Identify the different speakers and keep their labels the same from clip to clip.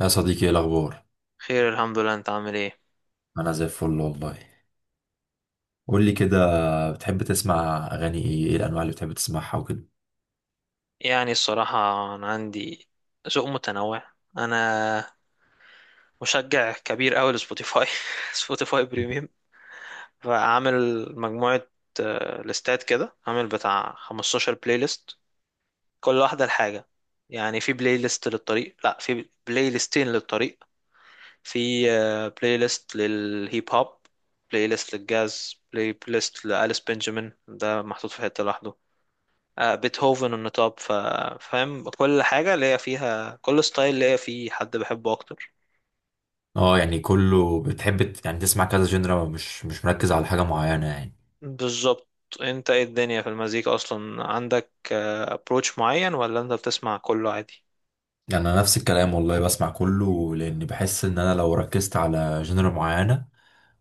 Speaker 1: يا صديقي، ايه الاخبار؟
Speaker 2: خير، الحمد لله. انت عامل ايه؟
Speaker 1: انا زي الفل والله. قول لي كده، بتحب تسمع اغاني ايه؟ ايه الانواع اللي بتحب تسمعها وكده؟
Speaker 2: يعني الصراحة، انا عندي ذوق متنوع. انا مشجع كبير اوي لسبوتيفاي. سبوتيفاي بريميوم. فعامل مجموعة، ليستات كده، عامل بتاع 15 بلاي ليست، كل واحدة لحاجة. يعني في بلاي ليست للطريق، لا في بلاي ليستين للطريق. في بلاي ليست للهيب هوب، بلاي ليست للجاز، بلاي ليست لأليس بنجامين ده محطوط في حتة لوحده. بيتهوفن النطاب. فاهم، كل حاجة ليا فيها، كل ستايل ليا فيه حد بحبه أكتر.
Speaker 1: اه يعني كله، بتحب تسمع كذا جنرا، مش مركز على حاجه معينه يعني.
Speaker 2: بالظبط. أنت إيه الدنيا في المزيكا أصلا، عندك أبروتش معين ولا أنت بتسمع كله عادي؟
Speaker 1: يعني انا نفس الكلام والله، بسمع كله لان بحس ان انا لو ركزت على جنرا معينه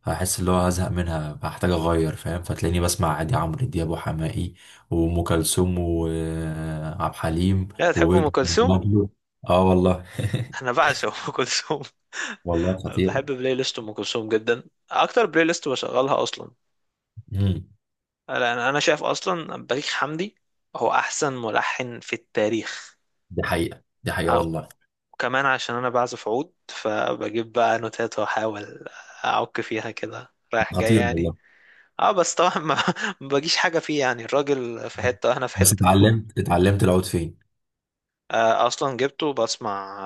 Speaker 1: هحس اللي هو هزهق منها، هحتاج اغير فاهم. فتلاقيني بسمع عادي عمرو دياب وحماقي وام كلثوم وعبد الحليم
Speaker 2: لا تحب أم
Speaker 1: وويجز
Speaker 2: كلثوم؟
Speaker 1: وبابلو. اه والله.
Speaker 2: أنا بعشق أم كلثوم.
Speaker 1: والله خطيرة.
Speaker 2: بحب بلاي ليست أم كلثوم جدا، أكتر بلاي ليست بشغلها أصلا.
Speaker 1: مم.
Speaker 2: لأن أنا شايف أصلا بليغ حمدي هو أحسن ملحن في التاريخ.
Speaker 1: دي حقيقة دي حقيقة والله.
Speaker 2: وكمان عشان انا بعزف عود، فبجيب بقى نوتات واحاول اعك فيها كده رايح جاي
Speaker 1: خطير
Speaker 2: يعني.
Speaker 1: والله.
Speaker 2: اه بس طبعا ما ما بجيش حاجة فيه، يعني الراجل في حتة واحنا في
Speaker 1: بس
Speaker 2: حتة.
Speaker 1: اتعلمت العود فين؟
Speaker 2: اصلا جبته، بسمع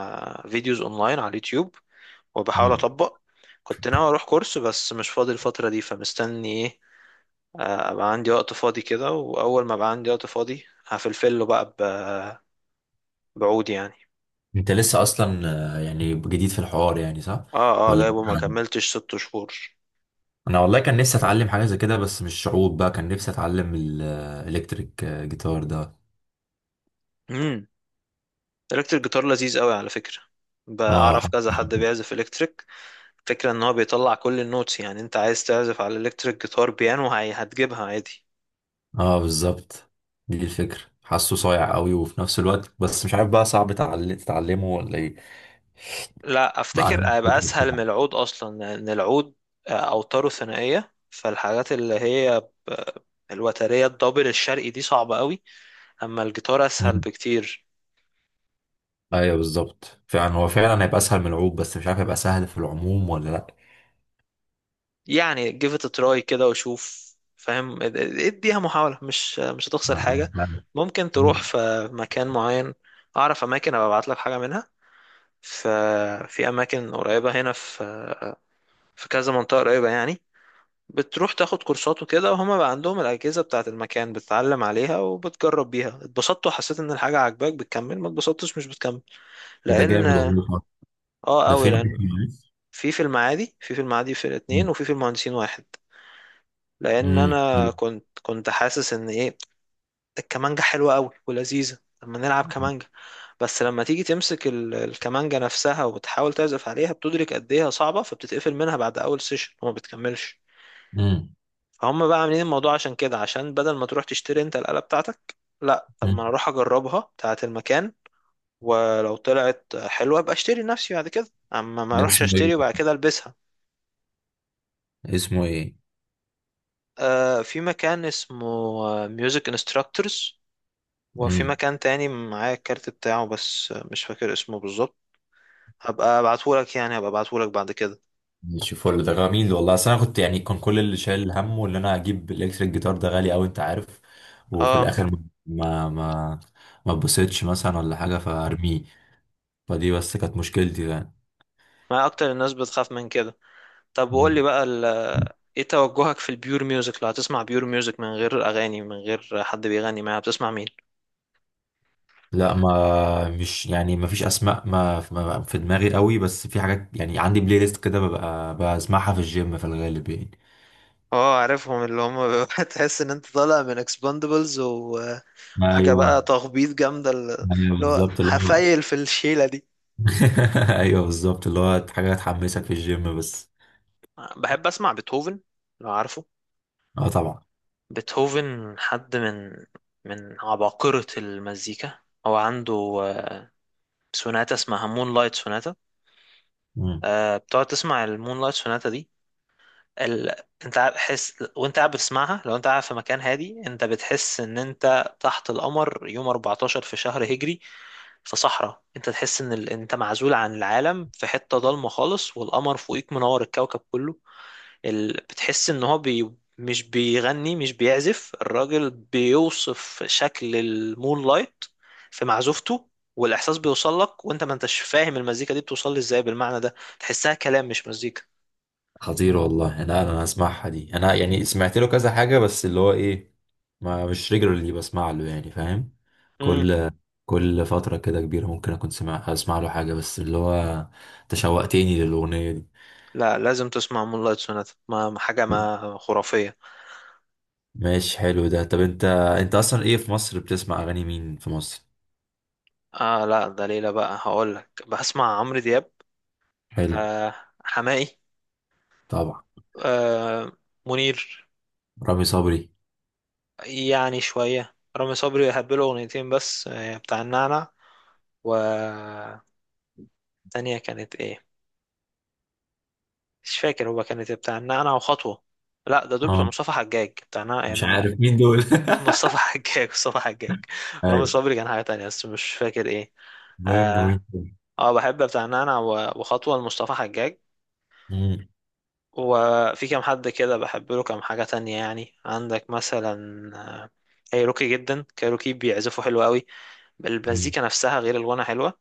Speaker 2: فيديوز اونلاين على اليوتيوب، وبحاول
Speaker 1: مم.
Speaker 2: اطبق. كنت ناوي اروح كورس بس مش فاضي الفترة دي، فمستني ايه؟ ابقى عندي وقت فاضي كده، واول ما ابقى عندي وقت فاضي هفلفله بقى بعود يعني.
Speaker 1: انت لسه اصلا يعني جديد في الحوار يعني، صح؟
Speaker 2: اه،
Speaker 1: ولا
Speaker 2: جايبه ما
Speaker 1: انا.
Speaker 2: كملتش ست شهور.
Speaker 1: أنا والله كان نفسي اتعلم حاجة زي كده، بس مش عود بقى، كان نفسي اتعلم الالكتريك جيتار ده.
Speaker 2: الكتريك جيتار لذيذ قوي على فكرة،
Speaker 1: اه
Speaker 2: بعرف كذا حد بيعزف الكتريك. فكرة ان هو بيطلع كل النوتس، يعني انت عايز تعزف على الكتريك جيتار بيانو هتجيبها عادي.
Speaker 1: اه بالظبط، دي الفكرة، حاسه صايع قوي. وفي نفس الوقت بس مش عارف بقى، صعب تتعلمه ولا ايه؟
Speaker 2: لا،
Speaker 1: ما انا
Speaker 2: افتكر
Speaker 1: مش
Speaker 2: هيبقى
Speaker 1: فاكر
Speaker 2: اسهل من
Speaker 1: بصراحة.
Speaker 2: العود، اصلا لان العود اوتاره ثنائية، فالحاجات اللي هي ب- الوترية الدبل الشرقي دي صعبة قوي. اما الجيتار اسهل
Speaker 1: مم.
Speaker 2: بكتير.
Speaker 1: ايوه بالظبط، فعلا هو فعلا هيبقى اسهل من العود، بس مش عارف هيبقى سهل في العموم ولا لا.
Speaker 2: يعني give it a try كده وشوف، فاهم. اديها محاولة، مش هتخسر حاجة.
Speaker 1: فعلا.
Speaker 2: ممكن تروح
Speaker 1: مم.
Speaker 2: في مكان معين، اعرف اماكن ابقى ابعت لك حاجة منها. ففي اماكن قريبة هنا، في كذا منطقة قريبة يعني. بتروح تاخد كورسات وكده، وهما بقى عندهم الأجهزة بتاعة المكان، بتتعلم عليها وبتجرب بيها. اتبسطت وحسيت ان الحاجة عاجباك، بتكمل. ما اتبسطتش، مش بتكمل.
Speaker 1: ده جامد
Speaker 2: لان
Speaker 1: والله.
Speaker 2: اه
Speaker 1: ده
Speaker 2: قوي،
Speaker 1: فين؟
Speaker 2: لان في المعادي، في المعادي في الاتنين،
Speaker 1: مم.
Speaker 2: وفي المهندسين واحد. لان
Speaker 1: مم.
Speaker 2: انا كنت حاسس ان ايه، الكمانجة حلوة قوي ولذيذة لما نلعب كمانجة. بس لما تيجي تمسك الكمانجة نفسها وتحاول تعزف عليها، بتدرك قد ايه هي صعبة، فبتتقفل منها بعد اول سيشن وما بتكملش.
Speaker 1: مم.
Speaker 2: فهم بقى عاملين الموضوع عشان كده، عشان بدل ما تروح تشتري انت الآلة بتاعتك، لا طب ما
Speaker 1: مم.
Speaker 2: انا اروح اجربها بتاعة المكان، ولو طلعت حلوة ابقى اشتري لنفسي بعد كده، اما ما
Speaker 1: ده
Speaker 2: اروحش
Speaker 1: اسمه ايه؟
Speaker 2: اشتري وبعد كده البسها.
Speaker 1: اسمه ايه؟
Speaker 2: في مكان اسمه ميوزك انستراكتورز، وفي
Speaker 1: امم
Speaker 2: مكان تاني معايا الكارت بتاعه بس مش فاكر اسمه بالظبط. هبقى ابعتهولك، يعني هبقى ابعتهولك بعد كده.
Speaker 1: ماشي فل، ده جميل والله. اصل انا كنت، يعني كان كل اللي شايل همه اللي انا اجيب الالكتريك جيتار ده غالي قوي انت عارف. وفي
Speaker 2: اه،
Speaker 1: الاخر ما ما اتبسطش مثلا ولا حاجه، فارميه. فدي بس كانت مشكلتي.
Speaker 2: ما اكتر الناس بتخاف من كده. طب وقول لي
Speaker 1: يعني
Speaker 2: بقى ايه توجهك في البيور ميوزك؟ لو هتسمع بيور ميوزك من غير اغاني، من غير حد بيغني معاها، بتسمع مين؟
Speaker 1: لا ما مش يعني، ما فيش اسماء في دماغي قوي، بس في حاجات. يعني عندي بلاي ليست كده ببقى بسمعها في الجيم في الغالب يعني.
Speaker 2: اه عارفهم اللي هم بيبقى تحس ان انت طالع من اكسباندبلز، وحاجه بقى
Speaker 1: ايوه.
Speaker 2: تخبيط جامده اللي
Speaker 1: ايوه
Speaker 2: هو
Speaker 1: بالظبط اللي هو.
Speaker 2: هفايل في الشيله دي.
Speaker 1: ايوه بالظبط اللي هو حاجه تحمسك في الجيم بس.
Speaker 2: بحب اسمع بيتهوفن، لو عارفه.
Speaker 1: اه طبعا.
Speaker 2: بيتهوفن حد من عباقرة المزيكا. هو عنده آه، سوناتا اسمها مون لايت سوناتا.
Speaker 1: مم.
Speaker 2: بتقعد تسمع المون لايت سوناتا دي، ال... حس وانت قاعد بتسمعها. لو انت قاعد في مكان هادي، انت بتحس ان انت تحت القمر يوم 14 في شهر هجري، في صحراء. انت تحس ان انت معزول عن العالم في حتة ضلمة خالص، والقمر فوقيك منور الكوكب كله. بتحس ان هو مش بيغني، مش بيعزف. الراجل بيوصف شكل المون لايت في معزوفته، والاحساس بيوصل لك وانت ما انتش فاهم المزيكا دي بتوصل لي ازاي، بالمعنى ده تحسها كلام مش مزيكا.
Speaker 1: خطير والله، انا هسمعها دي. انا يعني سمعت له كذا حاجه، بس اللي هو ايه، ما مش ريجولرلي بسمع له يعني، فاهم؟
Speaker 2: امم.
Speaker 1: كل كل فتره كده كبيره ممكن اكون اسمع له حاجه، بس اللي هو تشوقتني للاغنيه
Speaker 2: لا، لازم تسمع مون لايت سوناتا، حاجه
Speaker 1: دي.
Speaker 2: ما خرافيه.
Speaker 1: ماشي، حلو ده. طب انت، انت اصلا ايه في مصر، بتسمع اغاني مين في مصر؟
Speaker 2: اه لا ده ليلى بقى، هقول لك. بسمع عمرو دياب،
Speaker 1: حلو.
Speaker 2: آه حماقي،
Speaker 1: طبعا.
Speaker 2: آه منير.
Speaker 1: رامي صبري.
Speaker 2: يعني شوية رامي صبري، هبله أغنيتين بس، بتاع النعنع. والتانية كانت إيه؟ مش فاكر هو كانت إيه، بتاع النعنع وخطوة. لا ده دول بتوع
Speaker 1: اه.
Speaker 2: مصطفى حجاج، بتاع النعنع إيه،
Speaker 1: مش
Speaker 2: النعنع.
Speaker 1: عارف مين دول.
Speaker 2: مصطفى حجاج، مصطفى حجاج. رامي
Speaker 1: ايوه.
Speaker 2: صبري كان حاجة تانية بس مش فاكر إيه.
Speaker 1: المهم،
Speaker 2: اه.
Speaker 1: مين تاني؟
Speaker 2: بحب بتاع النعنع وخطوة لمصطفى حجاج.
Speaker 1: مم،
Speaker 2: وفي كام حد كده بحب له كام حاجة تانية، يعني عندك مثلا آه، كايروكي. جدا كايروكي بيعزفوا حلو قوي،
Speaker 1: مم،
Speaker 2: المزيكا نفسها غير الغنى حلوة.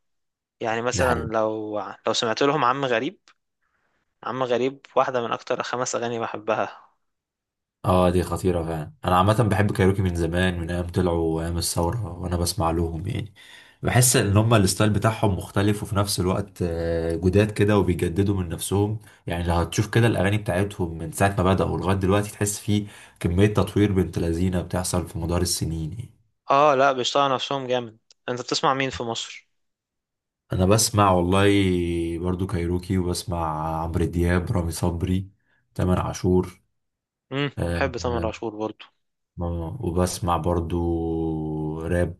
Speaker 2: يعني
Speaker 1: ده حلو.
Speaker 2: مثلا لو سمعت لهم عم غريب. عم غريب واحدة من أكتر خمس أغاني بحبها.
Speaker 1: اه دي خطيرة فعلا. انا عامة بحب كايروكي من زمان، من ايام طلعوا ايام الثورة وانا بسمع لهم يعني. بحس ان هما الستايل بتاعهم مختلف، وفي نفس الوقت جداد كده وبيجددوا من نفسهم. يعني لو هتشوف كده الاغاني بتاعتهم من ساعة ما بدأوا لغاية دلوقتي، تحس في كمية تطوير بنت لذينة بتحصل في مدار السنين يعني.
Speaker 2: لأ، بيشتغلوا نفسهم جامد. أنت بتسمع مين في مصر؟
Speaker 1: انا بسمع والله برضو كايروكي، وبسمع عمرو دياب، رامي صبري، تامر عاشور.
Speaker 2: مم.
Speaker 1: آه،
Speaker 2: بحب تامر
Speaker 1: آه،
Speaker 2: عاشور برضو.
Speaker 1: وبسمع برضو راب،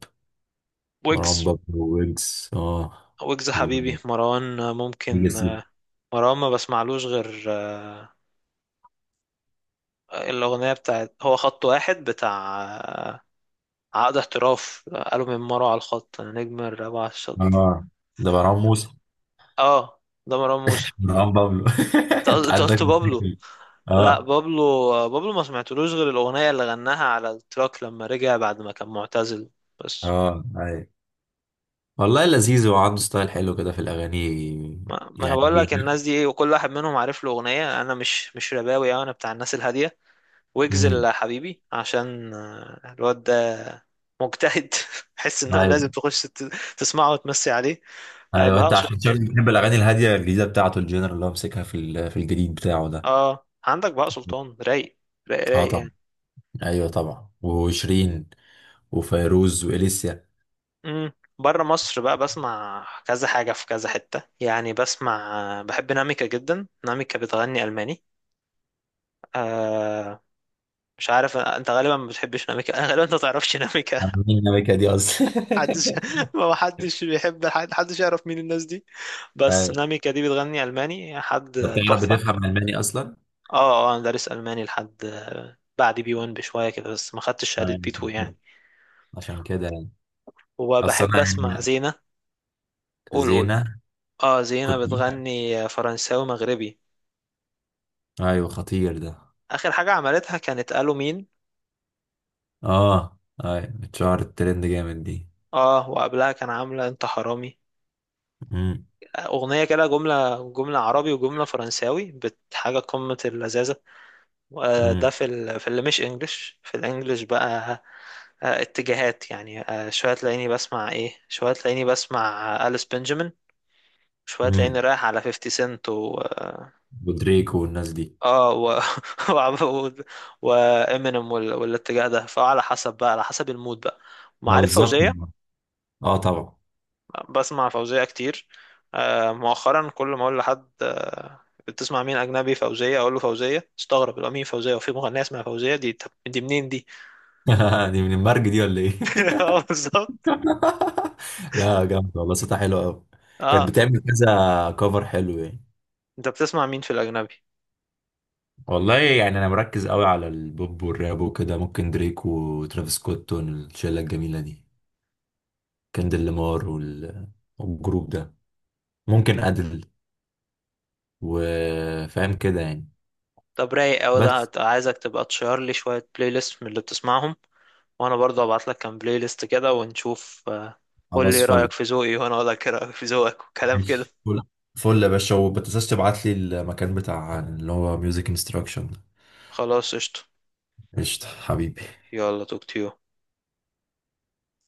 Speaker 1: مروان
Speaker 2: ويجز.
Speaker 1: بابلو، ويجز. اه،
Speaker 2: ويجز حبيبي، مروان ممكن.
Speaker 1: ويجز.
Speaker 2: مروان ما بسمعلوش غير الأغنية بتاعت هو خط واحد، بتاع عقد احتراف. قالوا من مرة على الخط أنا نجم الرابعة على الشط.
Speaker 1: اه. ده مروان موسى.
Speaker 2: آه ده مروان موسى.
Speaker 1: مروان بابلو.
Speaker 2: أنت قلت،
Speaker 1: انت
Speaker 2: أنت قلت
Speaker 1: عندك
Speaker 2: بابلو.
Speaker 1: مشاكل!
Speaker 2: لا،
Speaker 1: اه
Speaker 2: بابلو بابلو ما سمعتلوش غير الأغنية اللي غناها على التراك لما رجع بعد ما كان معتزل بس.
Speaker 1: اه ايوه، والله لذيذ وعنده ستايل حلو كده في الاغاني.
Speaker 2: ما انا
Speaker 1: يعني
Speaker 2: بقول لك
Speaker 1: بينا.
Speaker 2: الناس دي ايه، وكل واحد منهم عارف له أغنية. انا مش رباوي أوي، انا بتاع الناس الهادية. ويجز
Speaker 1: امم
Speaker 2: اللي حبيبي عشان الواد ده مجتهد. حس ان هو
Speaker 1: ايوه.
Speaker 2: لازم تخش تسمعه وتمسي عليه.
Speaker 1: ايوه انت
Speaker 2: بهاء سلطان.
Speaker 1: عشان شكلك بتحب الاغاني الهاديه الجديده بتاعته، الجينر اللي هو مسكها في الجديد بتاعه ده.
Speaker 2: اه، عندك بهاء سلطان رايق، رايق
Speaker 1: اه
Speaker 2: رايق
Speaker 1: طبعا.
Speaker 2: يعني.
Speaker 1: ايوه طبعا، وشيرين وفيروز واليسيا.
Speaker 2: امم بره مصر بقى بسمع كذا حاجة في كذا حتة، يعني بحب ناميكا جدا، ناميكا بتغني ألماني. آه مش عارف، انت غالبا ما بتحبش ناميكا. غالبا انت ما تعرفش ناميكا.
Speaker 1: مين النبكه دي اصلا؟
Speaker 2: محدش، ما حدش بيحب حد، حدش يعرف مين الناس دي. بس
Speaker 1: أيوة.
Speaker 2: ناميكا دي بتغني ألماني
Speaker 1: انت
Speaker 2: حد
Speaker 1: بتعرف،
Speaker 2: تحفة.
Speaker 1: بتفهم الماني اصلا؟
Speaker 2: اه، انا دارس ألماني لحد بعد بي 1 بشوية كده، بس ما خدتش شهادة بي 2 يعني.
Speaker 1: عشان كده يعني. اصل
Speaker 2: وبحب
Speaker 1: انا
Speaker 2: اسمع
Speaker 1: يعني.
Speaker 2: زينة. قول قول.
Speaker 1: زينة.
Speaker 2: اه، زينة
Speaker 1: كنت.
Speaker 2: بتغني فرنساوي مغربي.
Speaker 1: ايوه خطير ده.
Speaker 2: اخر حاجه عملتها كانت قالوا مين.
Speaker 1: اه. ايوه اتشهرت، ترند جامد دي.
Speaker 2: اه وقبلها كان عامله انت حرامي،
Speaker 1: امم
Speaker 2: اغنيه كده جمله جمله عربي وجمله فرنساوي، بحاجه قمه اللذاذه. ده
Speaker 1: امم
Speaker 2: في في اللي مش انجلش، في الانجليش بقى اتجاهات يعني. شويه تلاقيني بسمع ايه، شويه تلاقيني بسمع أليس بنجامين. شويه
Speaker 1: امم
Speaker 2: تلاقيني رايح على 50 سنت و اه
Speaker 1: ودريكو والناس دي.
Speaker 2: آه، و و وامينيم وال... والاتجاه ده، فعلى حسب بقى، على حسب المود بقى.
Speaker 1: ما
Speaker 2: معارف
Speaker 1: بالظبط.
Speaker 2: فوزيه،
Speaker 1: اه طبعا.
Speaker 2: بسمع فوزية كتير. مؤخرا كل ما اقول لحد بتسمع مين اجنبي، فوزية، اقول له فوزية، استغرب يبقى مين فوزية، وفي مغنية اسمها فوزية دي؟ طب دي منين دي؟
Speaker 1: دي من المرج دي ولا ايه؟
Speaker 2: اه بالظبط.
Speaker 1: لا جامد والله، صوتها حلو قوي.
Speaker 2: اه
Speaker 1: كانت
Speaker 2: طب،
Speaker 1: بتعمل كذا كفر حلو يعني.
Speaker 2: انت بتسمع مين في الاجنبي؟
Speaker 1: والله يعني انا مركز قوي على البوب والراب وكده. ممكن دريك وترافيس سكوت والشله الجميله دي، كندل لامار والجروب ده، ممكن أدل. وفاهم كده يعني.
Speaker 2: طب رايق اوي ده،
Speaker 1: بس.
Speaker 2: عايزك تبقى تشير لي شوية بلاي ليست من اللي بتسمعهم، وانا برضه ابعت لك كام بلاي ليست كده ونشوف. قول
Speaker 1: خلاص
Speaker 2: لي
Speaker 1: فل.
Speaker 2: رايك في ذوقي، وانا اقول لك إيه رايك في ذوقك، وكلام كده.
Speaker 1: ماشي فل. فل يا باشا، وما تنساش تبعت لي المكان بتاع اللي هو ميوزك انستراكشن.
Speaker 2: خلاص قشطة.
Speaker 1: قشطة حبيبي.
Speaker 2: يلا توك تيو.